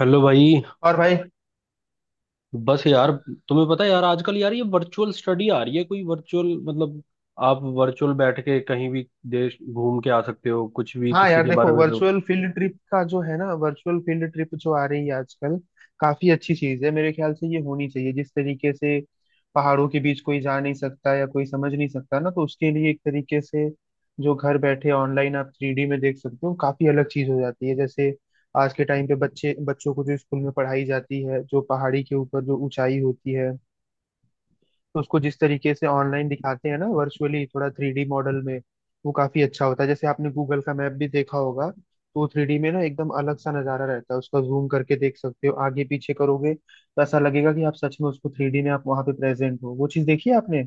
Hello भाई। और भाई, बस यार। तुम्हें पता है यार आजकल यार ये वर्चुअल स्टडी आ रही है कोई वर्चुअल मतलब आप वर्चुअल बैठ के कहीं भी देश घूम के आ सकते हो कुछ भी हाँ किसी यार के बारे देखो, में सोच। वर्चुअल फील्ड ट्रिप का जो है ना, वर्चुअल फील्ड ट्रिप जो आ रही है आजकल, काफी अच्छी चीज है। मेरे ख्याल से ये होनी चाहिए। जिस तरीके से पहाड़ों के बीच कोई जा नहीं सकता या कोई समझ नहीं सकता ना, तो उसके लिए एक तरीके से जो घर बैठे ऑनलाइन आप थ्री डी में देख सकते हो, काफी अलग चीज हो जाती है। जैसे आज के टाइम पे बच्चे, बच्चों को जो स्कूल में पढ़ाई जाती है, जो पहाड़ी के ऊपर जो ऊंचाई होती है, तो उसको जिस तरीके से ऑनलाइन दिखाते हैं ना, वर्चुअली थोड़ा थ्री डी मॉडल में, वो काफी अच्छा होता है। जैसे आपने गूगल का मैप भी देखा होगा तो वो थ्री डी में ना एकदम अलग सा नजारा रहता है उसका। जूम करके देख सकते हो, आगे पीछे करोगे तो ऐसा लगेगा कि आप सच में उसको थ्री डी में आप वहां पे प्रेजेंट हो। वो चीज देखी है आपने?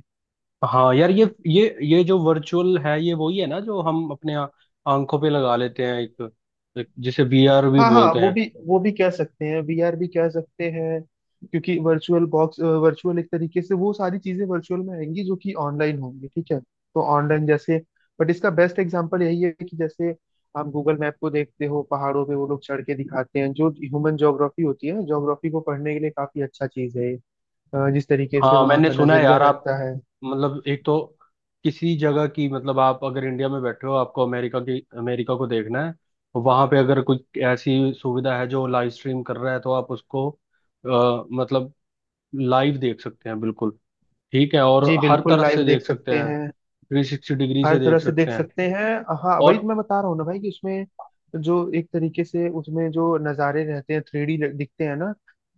हाँ यार ये जो वर्चुअल है ये वही है ना जो हम अपने आंखों पे लगा लेते हैं एक, एक जिसे वीआर भी हाँ हाँ, बोलते वो हैं। भी वो भी कह सकते हैं, वीआर भी कह सकते हैं। क्योंकि वर्चुअल बॉक्स, वर्चुअल एक तरीके से, वो सारी चीजें वर्चुअल में आएंगी जो कि ऑनलाइन होंगी। ठीक है, तो ऑनलाइन जैसे, बट इसका बेस्ट एग्जांपल यही है कि जैसे आप गूगल मैप को देखते हो, पहाड़ों पे वो लोग चढ़ के दिखाते हैं। जो ह्यूमन ज्योग्राफी होती है, ज्योग्राफी को पढ़ने के लिए काफी अच्छा चीज है ये। जिस तरीके से हाँ वहाँ मैंने का सुना है नजरिया यार आप रहता है। मतलब एक तो किसी जगह की मतलब आप अगर इंडिया में बैठे हो आपको अमेरिका की अमेरिका को देखना है। वहां पे अगर कुछ ऐसी सुविधा है जो लाइव स्ट्रीम कर रहा है तो आप उसको मतलब लाइव देख सकते हैं बिल्कुल। ठीक है और जी हर बिल्कुल, तरफ से लाइव देख देख सकते सकते हैं। हैं, 360 डिग्री हर से देख तरह से सकते देख हैं। सकते हैं। हाँ, वही और तो मैं बता रहा हूँ ना भाई, कि उसमें जो एक तरीके से उसमें जो नज़ारे रहते हैं, थ्री डी दिखते हैं ना,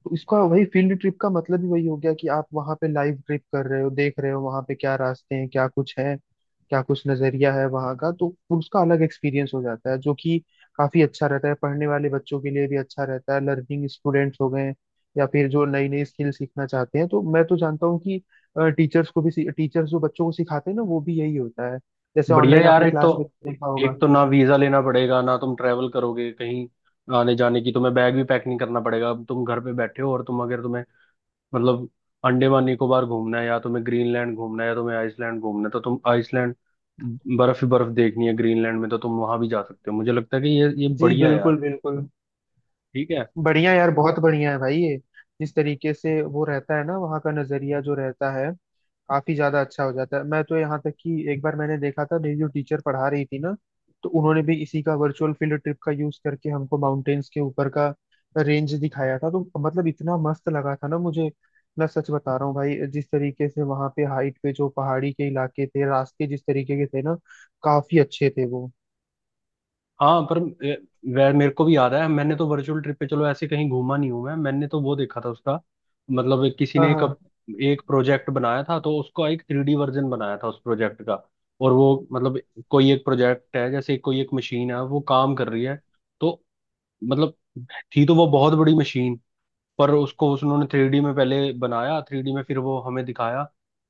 तो इसका वही फील्ड ट्रिप का मतलब ही वही हो गया कि आप वहाँ पे लाइव ट्रिप कर रहे हो, देख रहे हो वहाँ पे क्या रास्ते हैं, क्या कुछ है, क्या कुछ नज़रिया है वहाँ का। तो उसका अलग एक्सपीरियंस हो जाता है, जो कि काफ़ी अच्छा रहता है। पढ़ने वाले बच्चों के लिए भी अच्छा रहता है, लर्निंग स्टूडेंट्स हो गए या फिर जो नई नई स्किल सीखना चाहते हैं। तो मैं तो जानता हूँ कि टीचर्स जो बच्चों को सिखाते हैं ना, वो भी यही होता है। जैसे बढ़िया ऑनलाइन यार आपने क्लास में देखा एक होगा। तो ना वीजा लेना पड़ेगा ना तुम ट्रैवल करोगे कहीं आने जाने की। तुम्हें बैग भी पैक नहीं करना पड़ेगा। तुम घर पे बैठे हो और तुम अगर तुम्हें मतलब अंडमान निकोबार घूमना है या तुम्हें ग्रीनलैंड घूमना है या तुम्हें आइसलैंड घूमना है तो तुम आइसलैंड बर्फ ही बर्फ देखनी है ग्रीनलैंड में तो तुम वहां भी जा सकते हो। मुझे लगता है कि ये जी बढ़िया है बिल्कुल, यार। बिल्कुल। ठीक है। बढ़िया यार, बहुत बढ़िया है भाई ये। जिस तरीके से वो रहता है ना, वहाँ का नजरिया जो रहता है, काफी ज्यादा अच्छा हो जाता है। मैं तो यहाँ तक कि एक बार मैंने देखा था, मेरी जो टीचर पढ़ा रही थी ना, तो उन्होंने भी इसी का, वर्चुअल फील्ड ट्रिप का यूज करके हमको माउंटेन्स के ऊपर का रेंज दिखाया था। तो मतलब इतना मस्त लगा था ना मुझे। मैं सच बता रहा हूँ भाई, जिस तरीके से वहाँ पे हाइट पे जो पहाड़ी के इलाके थे, रास्ते जिस तरीके के थे ना, काफी अच्छे थे वो। हाँ पर ए, वह मेरे को भी याद है। मैंने तो वर्चुअल ट्रिप पे चलो ऐसे कहीं घूमा नहीं हूं मैं। मैंने तो वो देखा था उसका मतलब किसी हाँ ने एक हाँ, एक प्रोजेक्ट बनाया था तो उसका एक 3D वर्जन बनाया था उस प्रोजेक्ट का। और वो मतलब कोई एक प्रोजेक्ट है जैसे कोई एक मशीन है वो काम कर रही है तो मतलब थी तो वो बहुत बड़ी मशीन पर उसको उस उन्होंने 3D में पहले बनाया 3D में फिर वो हमें दिखाया।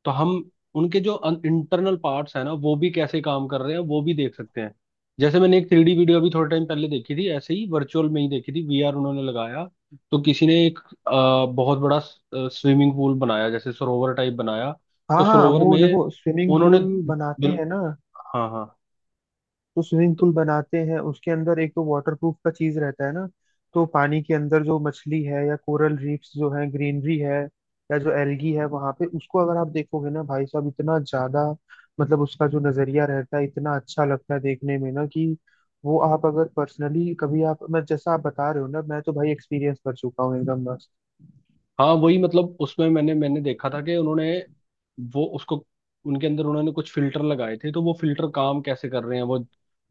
तो हम उनके जो इंटरनल पार्ट्स हैं ना वो भी कैसे काम कर रहे हैं वो भी देख सकते हैं। जैसे मैंने एक थ्री डी वीडियो अभी थोड़े टाइम पहले देखी थी ऐसे ही वर्चुअल में ही देखी थी वीआर उन्होंने लगाया। तो किसी ने एक बहुत बड़ा स्विमिंग पूल बनाया जैसे सरोवर टाइप बनाया। हाँ तो हाँ। सरोवर वो में देखो, स्विमिंग उन्होंने पूल बनाते बिल, हैं ना, हाँ हाँ। तो स्विमिंग तो पूल बनाते हैं उसके अंदर एक तो वाटर प्रूफ का चीज रहता है ना। तो पानी के अंदर जो मछली है, या कोरल रीफ्स जो है, ग्रीनरी है, या जो एल्गी है वहां पे, उसको अगर आप देखोगे ना भाई साहब, इतना ज्यादा, मतलब उसका जो नजरिया रहता है इतना अच्छा लगता है देखने में ना, कि वो आप अगर पर्सनली कभी आप, मैं जैसा आप बता रहे हो ना, मैं तो भाई एक्सपीरियंस कर चुका हूँ, एकदम मस्त। हाँ वही मतलब उसमें मैंने मैंने देखा था कि उन्होंने वो उसको उनके अंदर उन्होंने कुछ फिल्टर लगाए थे तो वो फिल्टर काम कैसे कर रहे हैं। वो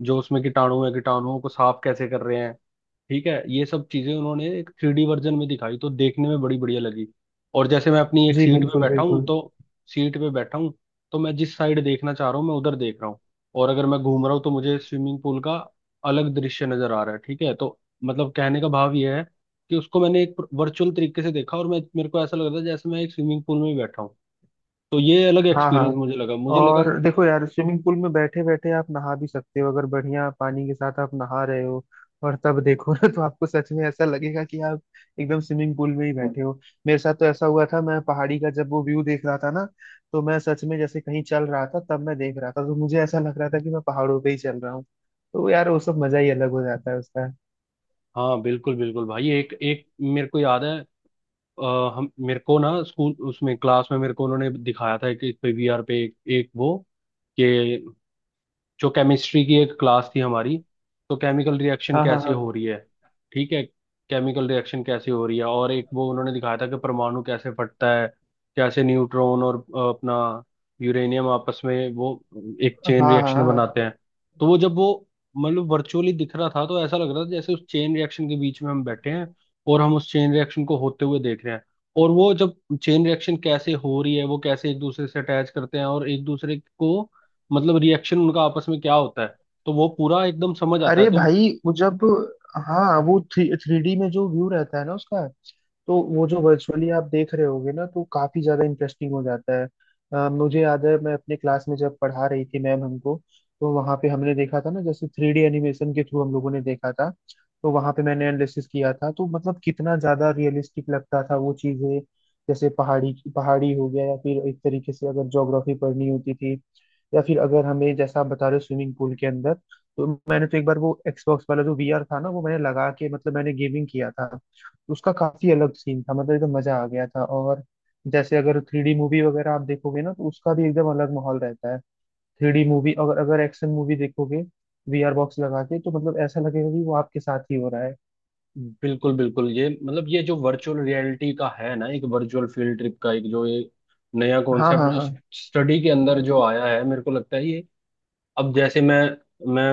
जो उसमें कीटाणु है कीटाणुओं को साफ कैसे कर रहे हैं। ठीक है ये सब चीजें उन्होंने एक 3D वर्जन में दिखाई तो देखने में बड़ी बढ़िया लगी। और जैसे मैं अपनी एक जी सीट पे बिल्कुल, बैठा हूँ बिल्कुल। तो सीट पे बैठा हूँ तो मैं जिस साइड देखना चाह रहा हूँ मैं उधर देख रहा हूँ। और अगर मैं घूम रहा हूँ तो मुझे स्विमिंग पूल का अलग दृश्य नजर आ रहा है। ठीक है तो मतलब कहने का भाव यह है कि उसको मैंने एक वर्चुअल तरीके से देखा और मैं मेरे को ऐसा लग रहा था जैसे मैं एक स्विमिंग पूल में ही बैठा हूँ। तो ये अलग हाँ एक्सपीरियंस हाँ। मुझे लगा मुझे लगा। और देखो यार, स्विमिंग पूल में बैठे बैठे आप नहा भी सकते हो, अगर बढ़िया पानी के साथ आप नहा रहे हो, और तब देखो ना, तो आपको सच में ऐसा लगेगा कि आप एकदम स्विमिंग पूल में ही बैठे हो। मेरे साथ तो ऐसा हुआ था, मैं पहाड़ी का जब वो व्यू देख रहा था ना, तो मैं सच में जैसे कहीं चल रहा था तब मैं देख रहा था, तो मुझे ऐसा लग रहा था कि मैं पहाड़ों पे ही चल रहा हूँ। तो यार, वो सब मजा ही अलग हो जाता है उसका। हाँ बिल्कुल बिल्कुल भाई एक एक मेरे को याद है। अ, हम मेरे को ना स्कूल उसमें क्लास में मेरे को उन्होंने दिखाया था कि इस पे वीआर पे एक, एक वो कि जो केमिस्ट्री की एक क्लास थी हमारी तो केमिकल रिएक्शन हाँ कैसे हाँ, हो रही है। ठीक है केमिकल रिएक्शन कैसे हो रही है और एक वो उन्होंने दिखाया था कि परमाणु कैसे फटता है कैसे न्यूट्रॉन और अपना यूरेनियम आपस में वो एक हाँ चेन हाँ, रिएक्शन हाँ हाँ। बनाते हैं। तो वो जब वो मतलब वर्चुअली दिख रहा था तो ऐसा लग रहा था जैसे उस चेन रिएक्शन के बीच में हम बैठे हैं और हम उस चेन रिएक्शन को होते हुए देख रहे हैं। और वो जब चेन रिएक्शन कैसे हो रही है वो कैसे एक दूसरे से अटैच करते हैं और एक दूसरे को मतलब रिएक्शन उनका आपस में क्या होता है तो वो पूरा एकदम समझ आता है अरे तो भाई, वो जब, हाँ, वो थ्री थ्री डी में जो व्यू रहता है ना उसका, तो वो जो वर्चुअली आप देख रहे होगे ना, तो काफी ज्यादा इंटरेस्टिंग हो जाता है। मुझे याद है मैं अपने क्लास में जब पढ़ा रही थी मैम हमको, तो वहां पे हमने देखा था ना, जैसे थ्री डी एनिमेशन के थ्रू हम लोगों ने देखा था, तो वहां पे मैंने एनालिसिस किया था। तो मतलब कितना ज्यादा रियलिस्टिक लगता था वो चीजें, जैसे पहाड़ी पहाड़ी हो गया, या फिर एक तरीके से अगर ज्योग्राफी पढ़नी होती थी, या फिर अगर हमें जैसा आप बता रहे हो स्विमिंग पूल के अंदर। तो मैंने तो एक बार वो एक्सबॉक्स वाला जो वीआर था ना, वो मैंने लगा के मतलब मैंने गेमिंग किया था। उसका काफी अलग सीन था, मतलब एकदम मजा आ गया था। और जैसे अगर थ्री डी मूवी वगैरह आप देखोगे ना, तो उसका भी एकदम अलग माहौल रहता है। थ्री डी मूवी अगर अगर एक्शन मूवी देखोगे वीआर बॉक्स लगा के, तो मतलब ऐसा लगेगा कि वो आपके साथ ही हो रहा है। बिल्कुल बिल्कुल ये मतलब ये जो वर्चुअल रियलिटी का है ना एक वर्चुअल फील्ड ट्रिप का एक जो ये नया हाँ कॉन्सेप्ट हाँ जो हाँ। स्टडी के अंदर जो आया है मेरे को लगता है ये अब जैसे मैं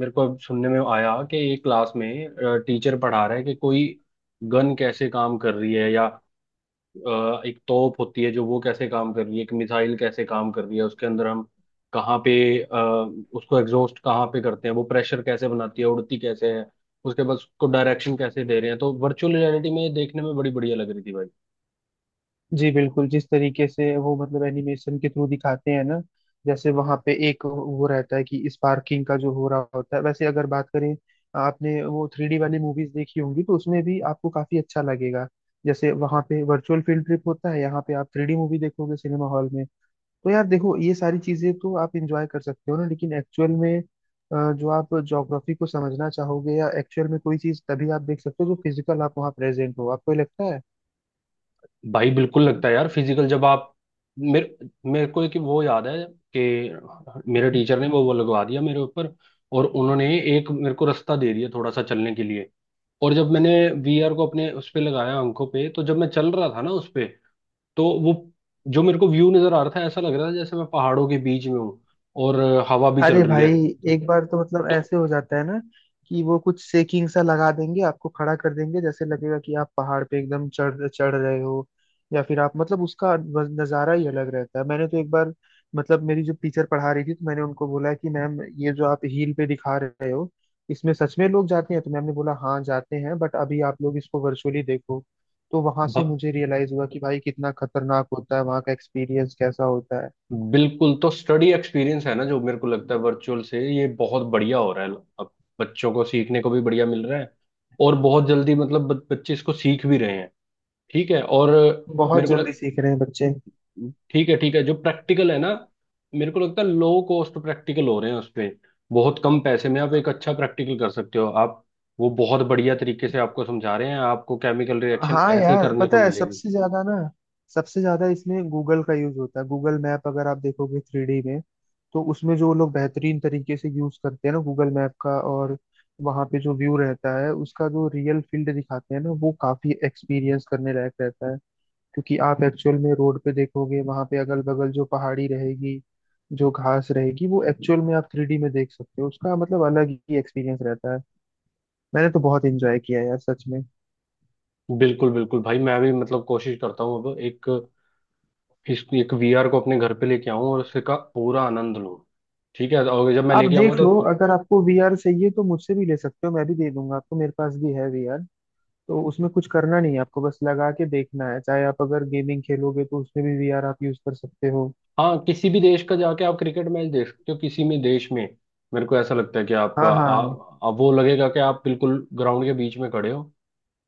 मेरे को अब सुनने में आया कि एक क्लास में टीचर पढ़ा रहा है कि कोई गन कैसे काम कर रही है या एक तोप होती है जो वो कैसे काम कर रही है एक मिसाइल कैसे काम कर रही है उसके अंदर हम कहाँ पे अ, उसको एग्जॉस्ट कहाँ पे करते हैं वो प्रेशर कैसे बनाती है उड़ती कैसे है उसके बाद उसको डायरेक्शन कैसे दे रहे हैं तो वर्चुअल रियलिटी में ये देखने में बड़ी बढ़िया लग रही थी भाई। जी बिल्कुल, जिस तरीके से वो मतलब एनिमेशन के थ्रू दिखाते हैं ना, जैसे वहां पे एक वो रहता है कि स्पार्किंग का जो हो रहा होता है, वैसे अगर बात करें, आपने वो थ्री डी वाली मूवीज देखी होंगी तो उसमें भी आपको काफी अच्छा लगेगा। जैसे वहां पे वर्चुअल फील्ड ट्रिप होता है, यहाँ पे आप थ्री डी मूवी देखोगे सिनेमा हॉल में। तो यार देखो, ये सारी चीजें तो आप इंजॉय कर सकते हो ना, लेकिन एक्चुअल में जो आप ज्योग्राफी को समझना चाहोगे, या एक्चुअल में कोई चीज तभी आप देख सकते हो जो फिजिकल आप वहाँ प्रेजेंट हो, आपको ये लगता है? भाई बिल्कुल लगता है यार फिजिकल जब आप मेरे मेरे को एक वो याद है कि मेरे टीचर ने वो लगवा दिया मेरे ऊपर और उन्होंने एक मेरे को रास्ता दे दिया थोड़ा सा चलने के लिए। और जब मैंने वीआर को अपने उस पे लगाया आंखों पे तो जब मैं चल रहा था ना उस पे तो वो जो मेरे को व्यू नजर आ रहा था ऐसा लग रहा था जैसे मैं पहाड़ों के बीच में हूँ और हवा भी चल अरे रही है। भाई, एक बार तो मतलब तो ऐसे हो जाता है ना, कि वो कुछ सेकिंग सा लगा देंगे आपको, खड़ा कर देंगे, जैसे लगेगा कि आप पहाड़ पे एकदम चढ़ चढ़ रहे हो, या फिर आप मतलब उसका नज़ारा ही अलग रहता है। मैंने तो एक बार, मतलब मेरी जो टीचर पढ़ा रही थी, तो मैंने उनको बोला कि मैम ये जो आप हील पे दिखा रहे हो, इसमें सच में लोग जाते हैं? तो मैम ने बोला हाँ जाते हैं, बट अभी आप लोग इसको वर्चुअली देखो। तो वहां भ, से मुझे रियलाइज हुआ कि भाई कितना खतरनाक होता है, वहाँ का एक्सपीरियंस कैसा होता है। बिल्कुल तो स्टडी एक्सपीरियंस है ना जो मेरे को लगता है वर्चुअल से ये बहुत बढ़िया हो रहा है। अब बच्चों को सीखने को भी बढ़िया मिल रहा है और बहुत जल्दी मतलब बच्चे इसको सीख भी रहे हैं। ठीक है और बहुत मेरे को जल्दी लग सीख रहे हैं बच्चे। ठीक है जो प्रैक्टिकल है ना मेरे को लगता है लो कॉस्ट प्रैक्टिकल हो रहे हैं उसपे। बहुत कम पैसे में आप एक अच्छा प्रैक्टिकल कर सकते हो आप। वो बहुत बढ़िया तरीके से आपको समझा रहे हैं आपको केमिकल रिएक्शन हाँ ऐसे ही यार, करने पता को है, मिलेगी। सबसे ज्यादा इसमें गूगल का यूज होता है। गूगल मैप अगर आप देखोगे थ्री डी में, तो उसमें जो लोग बेहतरीन तरीके से यूज करते हैं ना गूगल मैप का, और वहाँ पे जो व्यू रहता है, उसका जो रियल फील्ड दिखाते हैं ना, वो काफी एक्सपीरियंस करने लायक रहता है। क्योंकि आप एक्चुअल में रोड पे देखोगे, वहाँ पे अगल बगल जो पहाड़ी रहेगी, जो घास रहेगी, वो एक्चुअल में आप थ्री डी में देख सकते हो उसका, मतलब अलग ही एक्सपीरियंस रहता है। मैंने तो बहुत एंजॉय किया यार सच में। बिल्कुल बिल्कुल भाई मैं भी मतलब कोशिश करता हूँ अब एक इस एक वीआर को अपने घर पे लेके आऊं और उसका पूरा आनंद लूं। ठीक है और जब मैं आप लेके आऊंगा देख तो लो, अगर आपको वीआर चाहिए तो मुझसे भी ले सकते हो, मैं भी दे दूंगा आपको, मेरे पास भी है वीआर। तो उसमें कुछ करना नहीं है आपको, बस लगा के देखना है। चाहे आप अगर गेमिंग खेलोगे, तो उसमें भी वीआर आप यूज कर सकते हो। हाँ किसी भी देश का जाके आप क्रिकेट मैच देख सकते हो किसी भी देश में। मेरे को ऐसा लगता है कि आप आ, हाँ हाँ। आ, वो लगेगा कि आप बिल्कुल ग्राउंड के बीच में खड़े हो।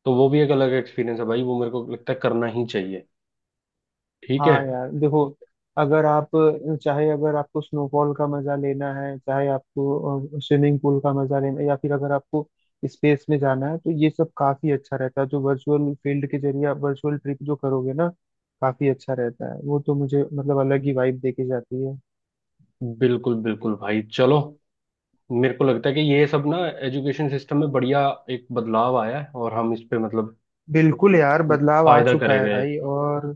तो वो भी एक अलग एक्सपीरियंस है भाई वो मेरे को लगता है करना ही चाहिए। ठीक है। हाँ यार देखो, अगर आप, चाहे अगर आपको स्नोफॉल का मजा लेना है, चाहे आपको स्विमिंग पूल का मजा लेना है, या फिर अगर आपको स्पेस में जाना है, तो ये सब काफी अच्छा रहता है। जो वर्चुअल फील्ड के जरिए आप वर्चुअल ट्रिप जो करोगे ना, काफी अच्छा रहता है वो। तो मुझे मतलब अलग ही वाइब देके जाती है। बिल्कुल बिल्कुल भाई चलो मेरे को लगता है कि ये सब ना एजुकेशन सिस्टम में बढ़िया एक बदलाव आया है और हम इस पे मतलब बिल्कुल यार, बदलाव आ फायदा चुका करे है गए। भाई, और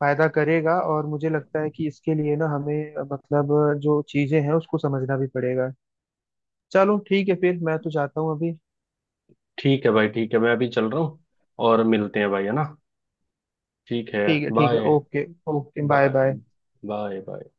फायदा करेगा। और मुझे लगता है कि इसके लिए ना हमें मतलब, जो चीजें हैं उसको समझना भी पड़ेगा। चलो ठीक है, फिर मैं तो जाता हूँ अभी। ठीक है भाई ठीक है मैं अभी चल रहा हूँ। और मिलते हैं भाई है ना। ठीक है। ठीक है, ठीक है, bye. Okay. Okay, bye bye bye. Bye bye.